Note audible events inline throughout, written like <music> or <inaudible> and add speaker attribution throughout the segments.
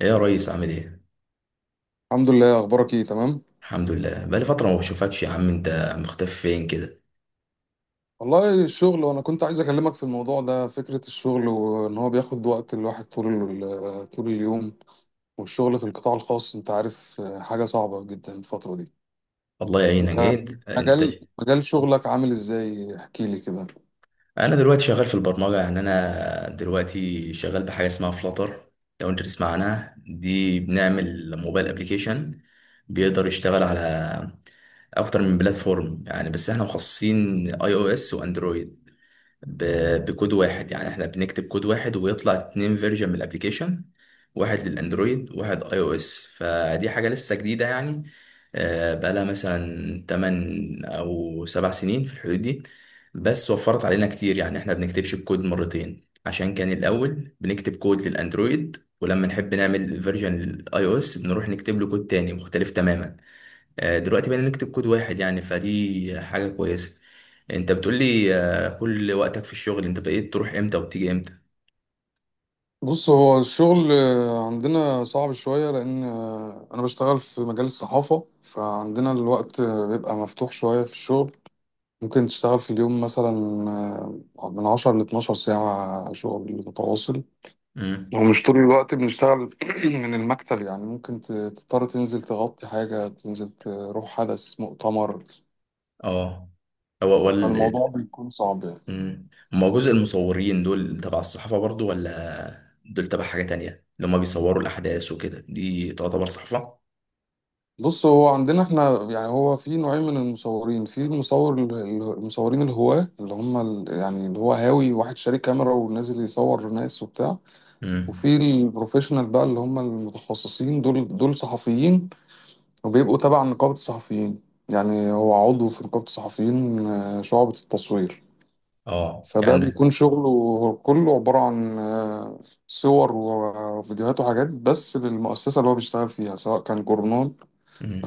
Speaker 1: ايه يا ريس عامل ايه؟
Speaker 2: الحمد لله. اخبارك ايه؟ تمام.
Speaker 1: الحمد لله، بقالي فترة ما بشوفكش يا عم، انت مختفي فين كده؟
Speaker 2: والله الشغل، وانا كنت عايز اكلمك في الموضوع ده، فكرة الشغل وان هو بياخد وقت الواحد طول طول اليوم. والشغل في القطاع الخاص انت عارف، حاجة صعبة جدا الفترة دي.
Speaker 1: الله يعينك
Speaker 2: انت
Speaker 1: جيت انت.
Speaker 2: مجال شغلك عامل ازاي؟ احكي لي كده.
Speaker 1: انا دلوقتي شغال في البرمجة، يعني انا دلوقتي شغال بحاجة اسمها فلاتر، لو انت تسمع عنها. دي بنعمل موبايل ابليكيشن بيقدر يشتغل على اكتر من بلاتفورم، يعني بس احنا مخصصين اي او اس واندرويد. بكود واحد، يعني احنا بنكتب كود واحد ويطلع اتنين فيرجن من الابليكيشن، واحد للاندرويد واحد اي او اس. فدي حاجة لسه جديدة يعني، بقالها مثلا 8 او 7 سنين في الحدود دي. بس وفرت علينا كتير، يعني احنا بنكتبش الكود مرتين، عشان كان الاول بنكتب كود للاندرويد، ولما نحب نعمل فيرجن للاي او اس بنروح نكتب له كود تاني مختلف تماما. دلوقتي بقينا نكتب كود واحد، يعني فدي حاجة كويسة. انت بتقولي كل وقتك في الشغل، انت بقيت تروح امتى وبتيجي امتى؟
Speaker 2: بص، هو الشغل عندنا صعب شوية، لان انا بشتغل في مجال الصحافة، فعندنا الوقت بيبقى مفتوح شوية في الشغل. ممكن تشتغل في اليوم مثلا من 10 لـ12 ساعة شغل متواصل.
Speaker 1: امم
Speaker 2: ومش طول الوقت بنشتغل <clears throat> من المكتب، يعني ممكن تضطر تنزل تغطي حاجة، تنزل تروح حدث، مؤتمر.
Speaker 1: اه. هو وال
Speaker 2: فالموضوع بيكون صعب يعني.
Speaker 1: مم. ما هو جزء المصورين دول تبع الصحافة برضو، ولا دول تبع حاجة تانية؟ اللي هما بيصوروا الأحداث وكده، دي تعتبر صحافة.
Speaker 2: بص، هو عندنا احنا يعني هو في نوعين من المصورين. في المصور المصورين الهواة اللي هم يعني اللي هو هاوي، واحد شاري كاميرا ونازل يصور ناس وبتاع.
Speaker 1: امم.
Speaker 2: وفي البروفيشنال بقى اللي هم المتخصصين، دول دول صحفيين وبيبقوا تبع نقابة الصحفيين. يعني هو عضو في نقابة الصحفيين، شعبة التصوير.
Speaker 1: اه
Speaker 2: فده
Speaker 1: يعني.
Speaker 2: بيكون شغله كله عبارة عن صور وفيديوهات وحاجات، بس للمؤسسة اللي هو بيشتغل فيها، سواء كان جورنال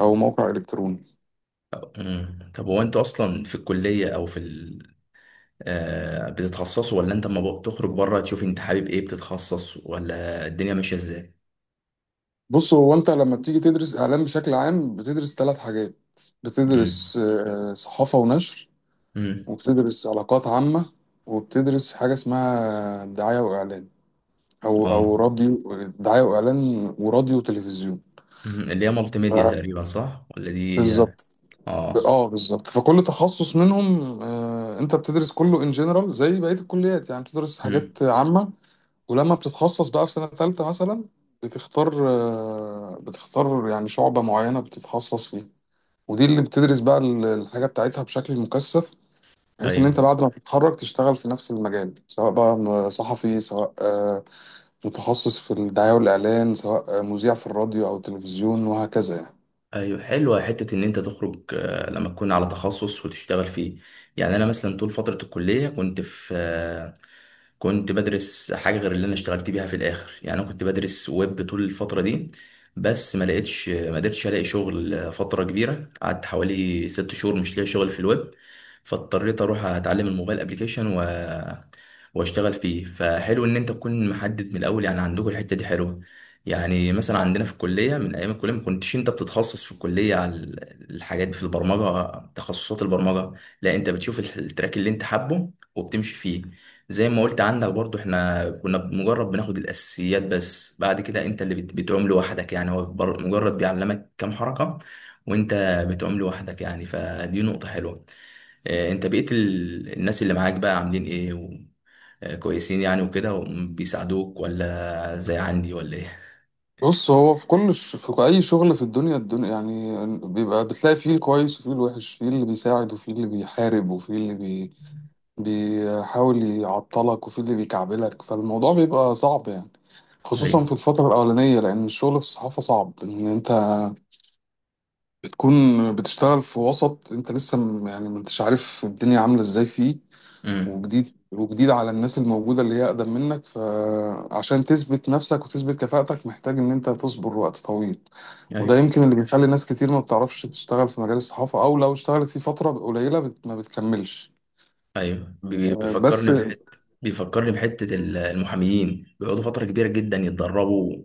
Speaker 2: أو موقع إلكتروني.
Speaker 1: امم. طب هو انتوا أصلا في الكلية أو في بتتخصصه، ولا انت لما بتخرج بره تشوف انت حابب ايه بتتخصص، ولا الدنيا ماشيه ازاي؟
Speaker 2: بص، هو أنت لما بتيجي تدرس إعلام بشكل عام بتدرس ثلاث حاجات.
Speaker 1: امم.
Speaker 2: بتدرس صحافة ونشر،
Speaker 1: امم.
Speaker 2: وبتدرس علاقات عامة، وبتدرس حاجة اسمها دعاية وإعلان. أو
Speaker 1: اه.
Speaker 2: راديو، دعاية وإعلان وراديو وتلفزيون.
Speaker 1: مم. اللي هي مالتي ميديا تقريبا، صح ولا دي؟
Speaker 2: بالظبط.
Speaker 1: اه.
Speaker 2: اه بالظبط. فكل تخصص منهم انت بتدرس كله ان جنرال زي بقيه الكليات، يعني بتدرس حاجات
Speaker 1: امم.
Speaker 2: عامه. ولما بتتخصص بقى في سنه ثالثه مثلا بتختار بتختار يعني شعبه معينه بتتخصص فيها، ودي اللي بتدرس بقى الحاجه بتاعتها بشكل مكثف، بحيث ان انت
Speaker 1: ايوه.
Speaker 2: بعد ما تتخرج تشتغل في نفس المجال، سواء بقى صحفي، سواء متخصص في الدعايه والاعلان، سواء مذيع في الراديو او التلفزيون، وهكذا يعني.
Speaker 1: ايوه حلوه حته ان انت تخرج لما تكون على تخصص وتشتغل فيه. يعني انا مثلا طول فتره الكليه كنت في كنت بدرس حاجه غير اللي انا اشتغلت بيها في الاخر. يعني انا كنت بدرس ويب طول الفتره دي، بس ما لقيتش، ما قدرتش الاقي شغل فتره كبيره، قعدت حوالي 6 شهور مش لاقي شغل في الويب. فاضطريت اروح اتعلم الموبايل ابليكيشن واشتغل فيه. فحلو ان انت تكون محدد من الاول، يعني عندكم الحته دي حلوه. يعني مثلا عندنا في الكلية من أيام الكلية ما كنتش أنت بتتخصص في الكلية على الحاجات دي في البرمجة، تخصصات البرمجة. لا أنت بتشوف التراك اللي أنت حابه وبتمشي فيه، زي ما قلت. عندك برضو إحنا كنا مجرد بناخد الأساسيات، بس بعد كده أنت اللي بتعوم لوحدك. يعني هو مجرد بيعلمك كام حركة وأنت بتعوم لوحدك، يعني فدي نقطة حلوة. أنت بقيت، الناس اللي معاك بقى عاملين إيه؟ كويسين يعني وكده، وبيساعدوك ولا زي عندي، ولا إيه؟
Speaker 2: بص، هو في كل في اي شغل في الدنيا، الدنيا يعني بيبقى بتلاقي فيه الكويس وفيه الوحش، فيه اللي بيساعد وفيه اللي بيحارب، وفيه اللي بيحاول يعطلك، وفيه اللي بيكعبلك. فالموضوع بيبقى صعب يعني، خصوصا
Speaker 1: ايوه.
Speaker 2: في الفترة الأولانية، لأن الشغل في الصحافة صعب. إن أنت بتكون بتشتغل في وسط أنت لسه يعني ما أنتش عارف الدنيا عاملة إزاي فيه،
Speaker 1: امم.
Speaker 2: وجديد على الناس الموجودة اللي هي أقدم منك، فعشان تثبت نفسك وتثبت كفاءتك محتاج إن أنت تصبر وقت طويل.
Speaker 1: ايوه.
Speaker 2: وده يمكن اللي بيخلي ناس كتير ما بتعرفش تشتغل في مجال الصحافة، أو لو اشتغلت فيه فترة قليلة ما بتكملش.
Speaker 1: ايوه،
Speaker 2: بس
Speaker 1: بيفكرني بحته المحاميين بيقعدوا فتره كبيره جدا يتدربوا،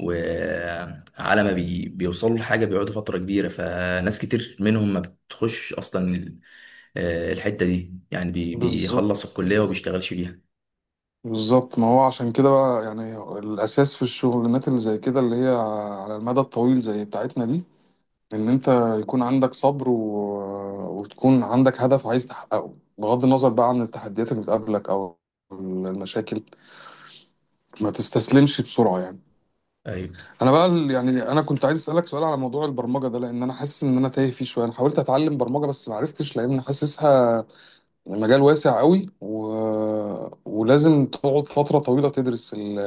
Speaker 1: وعلى ما بيوصلوا لحاجه بيقعدوا فتره كبيره. فناس كتير منهم ما بتخش اصلا الحته دي، يعني
Speaker 2: بالظبط.
Speaker 1: بيخلص الكليه وبيشتغلش بيها.
Speaker 2: بالظبط، ما هو عشان كده بقى يعني الأساس في الشغلانات اللي زي كده، اللي هي على المدى الطويل زي بتاعتنا دي، ان انت يكون عندك صبر و... وتكون عندك هدف عايز تحققه، بغض النظر بقى عن التحديات اللي بتقابلك او المشاكل، ما تستسلمش بسرعة يعني.
Speaker 1: ايوه.
Speaker 2: انا بقى يعني انا كنت عايز اسالك سؤال على موضوع البرمجة ده، لان انا حاسس ان انا تايه فيه شوية. انا حاولت اتعلم برمجة بس ما عرفتش، لان حاسسها مجال واسع قوي و... ولازم تقعد فترة طويلة تدرس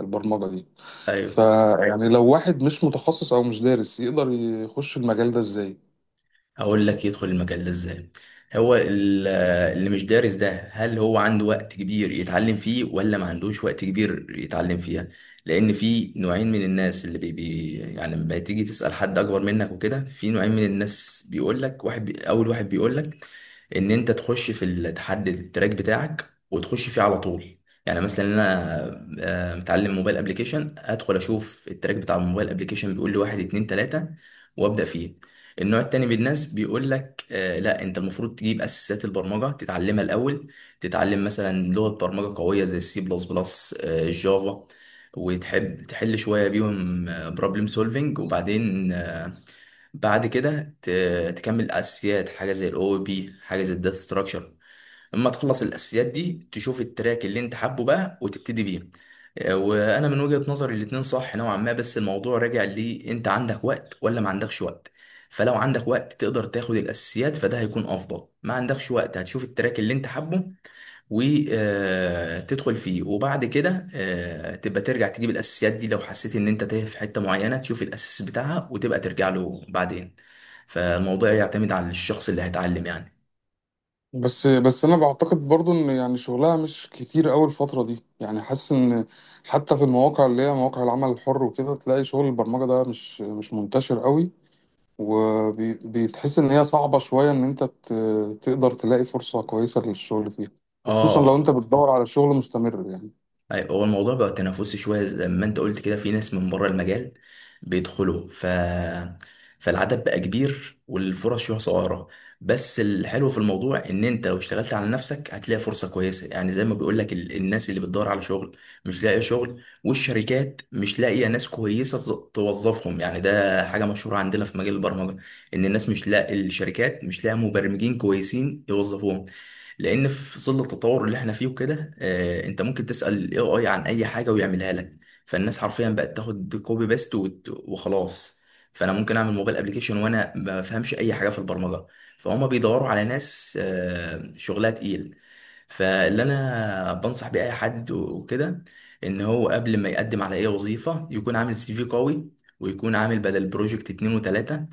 Speaker 2: البرمجة دي.
Speaker 1: ايوه،
Speaker 2: فيعني لو واحد مش متخصص او مش دارس يقدر يخش المجال ده ازاي؟
Speaker 1: هقول لك يدخل المجال ده ازاي. هو ال- اللي مش دارس ده، هل هو عنده وقت كبير يتعلم فيه، ولا ما عندوش وقت كبير يتعلم فيها؟ لان في نوعين من الناس، اللي بي يعني لما تيجي تسأل حد اكبر منك وكده في نوعين من الناس بيقول لك. واحد، اول واحد بيقول لك ان انت تخش في تحدد التراك بتاعك وتخش فيه على طول. يعني مثلا انا متعلم موبايل ابلكيشن، ادخل اشوف التراك بتاع الموبايل ابلكيشن بيقول لي واحد اتنين تلاتة وابدا فيه. النوع التاني من الناس بيقول لك لا، انت المفروض تجيب اساسات البرمجه تتعلمها الاول. تتعلم مثلا لغه برمجه قويه زي السي بلس بلس، الجافا، وتحب تحل شويه بيهم بروبلم سولفنج. وبعدين بعد كده تكمل الاساسيات، حاجه زي الاو بي، حاجه زي الداتا ستراكشر. اما تخلص الاساسيات دي تشوف التراك اللي انت حابه بقى وتبتدي بيه. وانا من وجهة نظري الاتنين صح نوعا ما، بس الموضوع راجع لي انت عندك وقت ولا ما عندكش وقت. فلو عندك وقت تقدر تاخد الاساسيات فده هيكون افضل. ما عندكش وقت، هتشوف التراك اللي انت حابه وتدخل فيه، وبعد كده تبقى ترجع تجيب الاساسيات دي لو حسيت ان انت تايه في حته معينه، تشوف الاساس بتاعها وتبقى ترجع له بعدين. فالموضوع يعتمد على الشخص اللي هيتعلم يعني.
Speaker 2: بس انا بعتقد برضو ان يعني شغلها مش كتير قوي الفتره دي، يعني حاسس ان حتى في المواقع اللي هي مواقع العمل الحر وكده تلاقي شغل البرمجه ده مش مش منتشر قوي، وبيتحس ان هي صعبه شويه، ان انت تقدر تلاقي فرصه كويسه للشغل فيها، وخصوصا لو
Speaker 1: اه.
Speaker 2: انت بتدور على شغل مستمر يعني.
Speaker 1: أيوة، هو الموضوع بقى تنافسي شوية زي ما انت قلت كده، في ناس من بره المجال بيدخلوا فالعدد بقى كبير والفرص شوية صغيرة. بس الحلو في الموضوع ان انت لو اشتغلت على نفسك هتلاقي فرصة كويسة، يعني زي ما بيقول لك، الناس اللي بتدور على شغل مش لاقية شغل، والشركات مش لاقية ناس كويسة توظفهم. يعني ده حاجة مشهورة عندنا في مجال البرمجة، ان الناس مش لاقي الشركات مش لاقية مبرمجين كويسين يوظفوهم. لان في ظل التطور اللي احنا فيه وكده، انت ممكن تسال الاي اي عن اي حاجه ويعملها لك. فالناس حرفيا بقت تاخد كوبي بيست وخلاص. فانا ممكن اعمل موبايل ابلكيشن وانا ما بفهمش اي حاجه في البرمجه. فهم بيدوروا على ناس شغلها تقيل. فاللي انا بنصح بيه اي حد وكده، ان هو قبل ما يقدم على اي وظيفه يكون عامل سي في قوي، ويكون عامل بدل بروجكت 2 و3،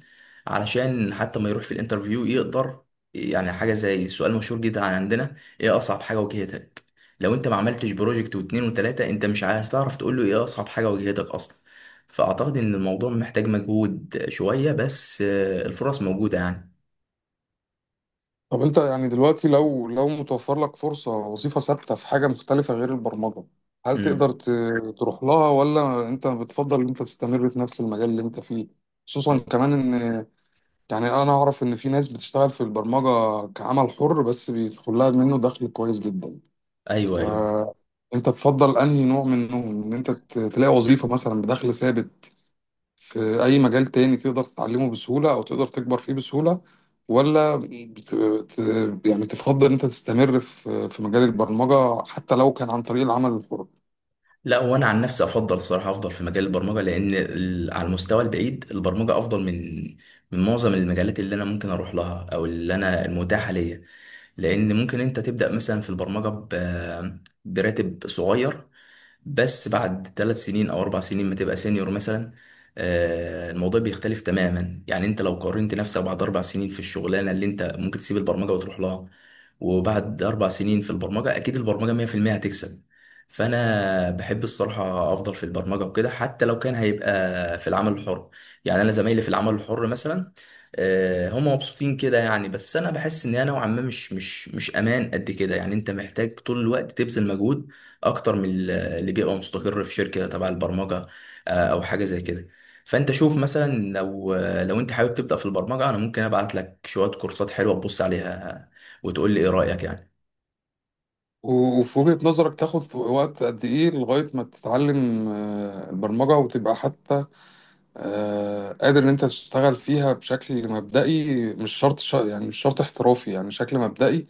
Speaker 1: علشان حتى ما يروح في الانترفيو يقدر. يعني حاجة زي سؤال مشهور جدا عندنا، ايه أصعب حاجة واجهتك؟ لو انت ما عملتش بروجكت و2 و3، انت مش هتعرف تقول له ايه أصعب حاجة واجهتك أصلا. فأعتقد إن الموضوع محتاج مجهود شوية، بس الفرص موجودة يعني.
Speaker 2: طب انت يعني دلوقتي لو لو متوفر لك فرصة وظيفة ثابتة في حاجة مختلفة غير البرمجة، هل تقدر
Speaker 1: امم.
Speaker 2: تروح لها، ولا انت بتفضل ان انت تستمر في نفس المجال اللي انت فيه؟ خصوصا كمان ان يعني انا اعرف ان في ناس بتشتغل في البرمجة كعمل حر بس بيدخل لها منه دخل كويس جدا.
Speaker 1: ايوه. ايوه.
Speaker 2: فانت تفضل انهي نوع منهم؟ ان انت تلاقي وظيفة مثلا بدخل ثابت في أي مجال تاني تقدر تتعلمه بسهولة أو تقدر تكبر فيه بسهولة، ولا يعني تفضل إن أنت تستمر في مجال البرمجة حتى لو كان عن طريق العمل الحر؟
Speaker 1: لا، وانا عن نفسي افضل الصراحه افضل في مجال البرمجه، لان على المستوى البعيد البرمجه افضل من معظم المجالات اللي انا ممكن اروح لها، او اللي انا المتاحه ليا. لان ممكن انت تبدا مثلا في البرمجه براتب صغير، بس بعد 3 سنين او 4 سنين ما تبقى سينيور مثلا، الموضوع بيختلف تماما. يعني انت لو قارنت نفسك بعد 4 سنين في الشغلانه اللي انت ممكن تسيب البرمجه وتروح لها، وبعد 4 سنين في البرمجه، اكيد البرمجه 100% هتكسب. فانا بحب، الصراحه، افضل في البرمجه وكده حتى لو كان هيبقى في العمل الحر. يعني انا زمايلي في العمل الحر مثلا، هم مبسوطين كده يعني، بس انا بحس ان انا نوعا ما مش امان قد كده. يعني انت محتاج طول الوقت تبذل مجهود اكتر من اللي بيبقى مستقر في شركة تبع البرمجة، او حاجة زي كده. فانت شوف مثلا، لو لو انت حابب تبدأ في البرمجة انا ممكن ابعت لك شوية كورسات حلوة تبص عليها وتقول لي ايه رأيك.
Speaker 2: وفي وجهة نظرك تاخد في وقت قد إيه لغاية ما تتعلم البرمجة وتبقى حتى قادر إن أنت تشتغل فيها بشكل مبدئي، مش شرط يعني مش شرط احترافي، يعني شكل مبدئي،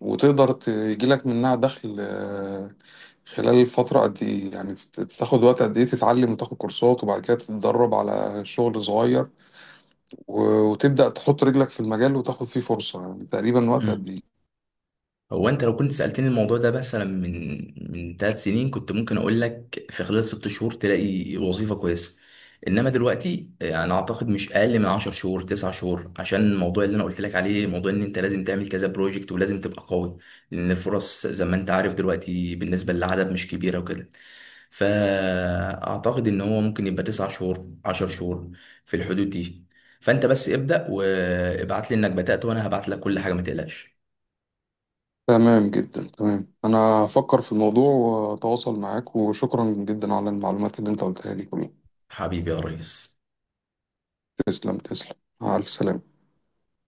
Speaker 2: وتقدر تجيلك منها دخل خلال فترة قد إيه؟ يعني تاخد وقت قد إيه تتعلم وتاخد كورسات، وبعد كده تتدرب على شغل صغير، وتبدأ تحط رجلك في المجال وتاخد فيه فرصة، يعني تقريبا وقت
Speaker 1: يعني
Speaker 2: قد إيه؟
Speaker 1: هو انت لو كنت سألتني الموضوع ده مثلا من 3 سنين كنت ممكن اقول لك في خلال 6 شهور تلاقي وظيفة كويسة. انما دلوقتي، انا اعتقد مش اقل من 10 شهور، 9 شهور، عشان الموضوع اللي انا قلت لك عليه، موضوع ان انت لازم تعمل كذا بروجكت ولازم تبقى قوي. لان الفرص زي ما انت عارف دلوقتي بالنسبة للعدد مش كبيرة وكده. فاعتقد ان هو ممكن يبقى 9 شهور، 10 شهور، في الحدود دي. فانت بس ابدأ وابعت لي انك بدأت وانا هبعت لك كل حاجة، ما تقلقش.
Speaker 2: تمام جدا، تمام. أنا هفكر في الموضوع وأتواصل معاك، وشكرا جدا على المعلومات اللي أنت قلتها لي كلها.
Speaker 1: حبيبي يا ريس.
Speaker 2: تسلم، تسلم. مع ألف سلامة.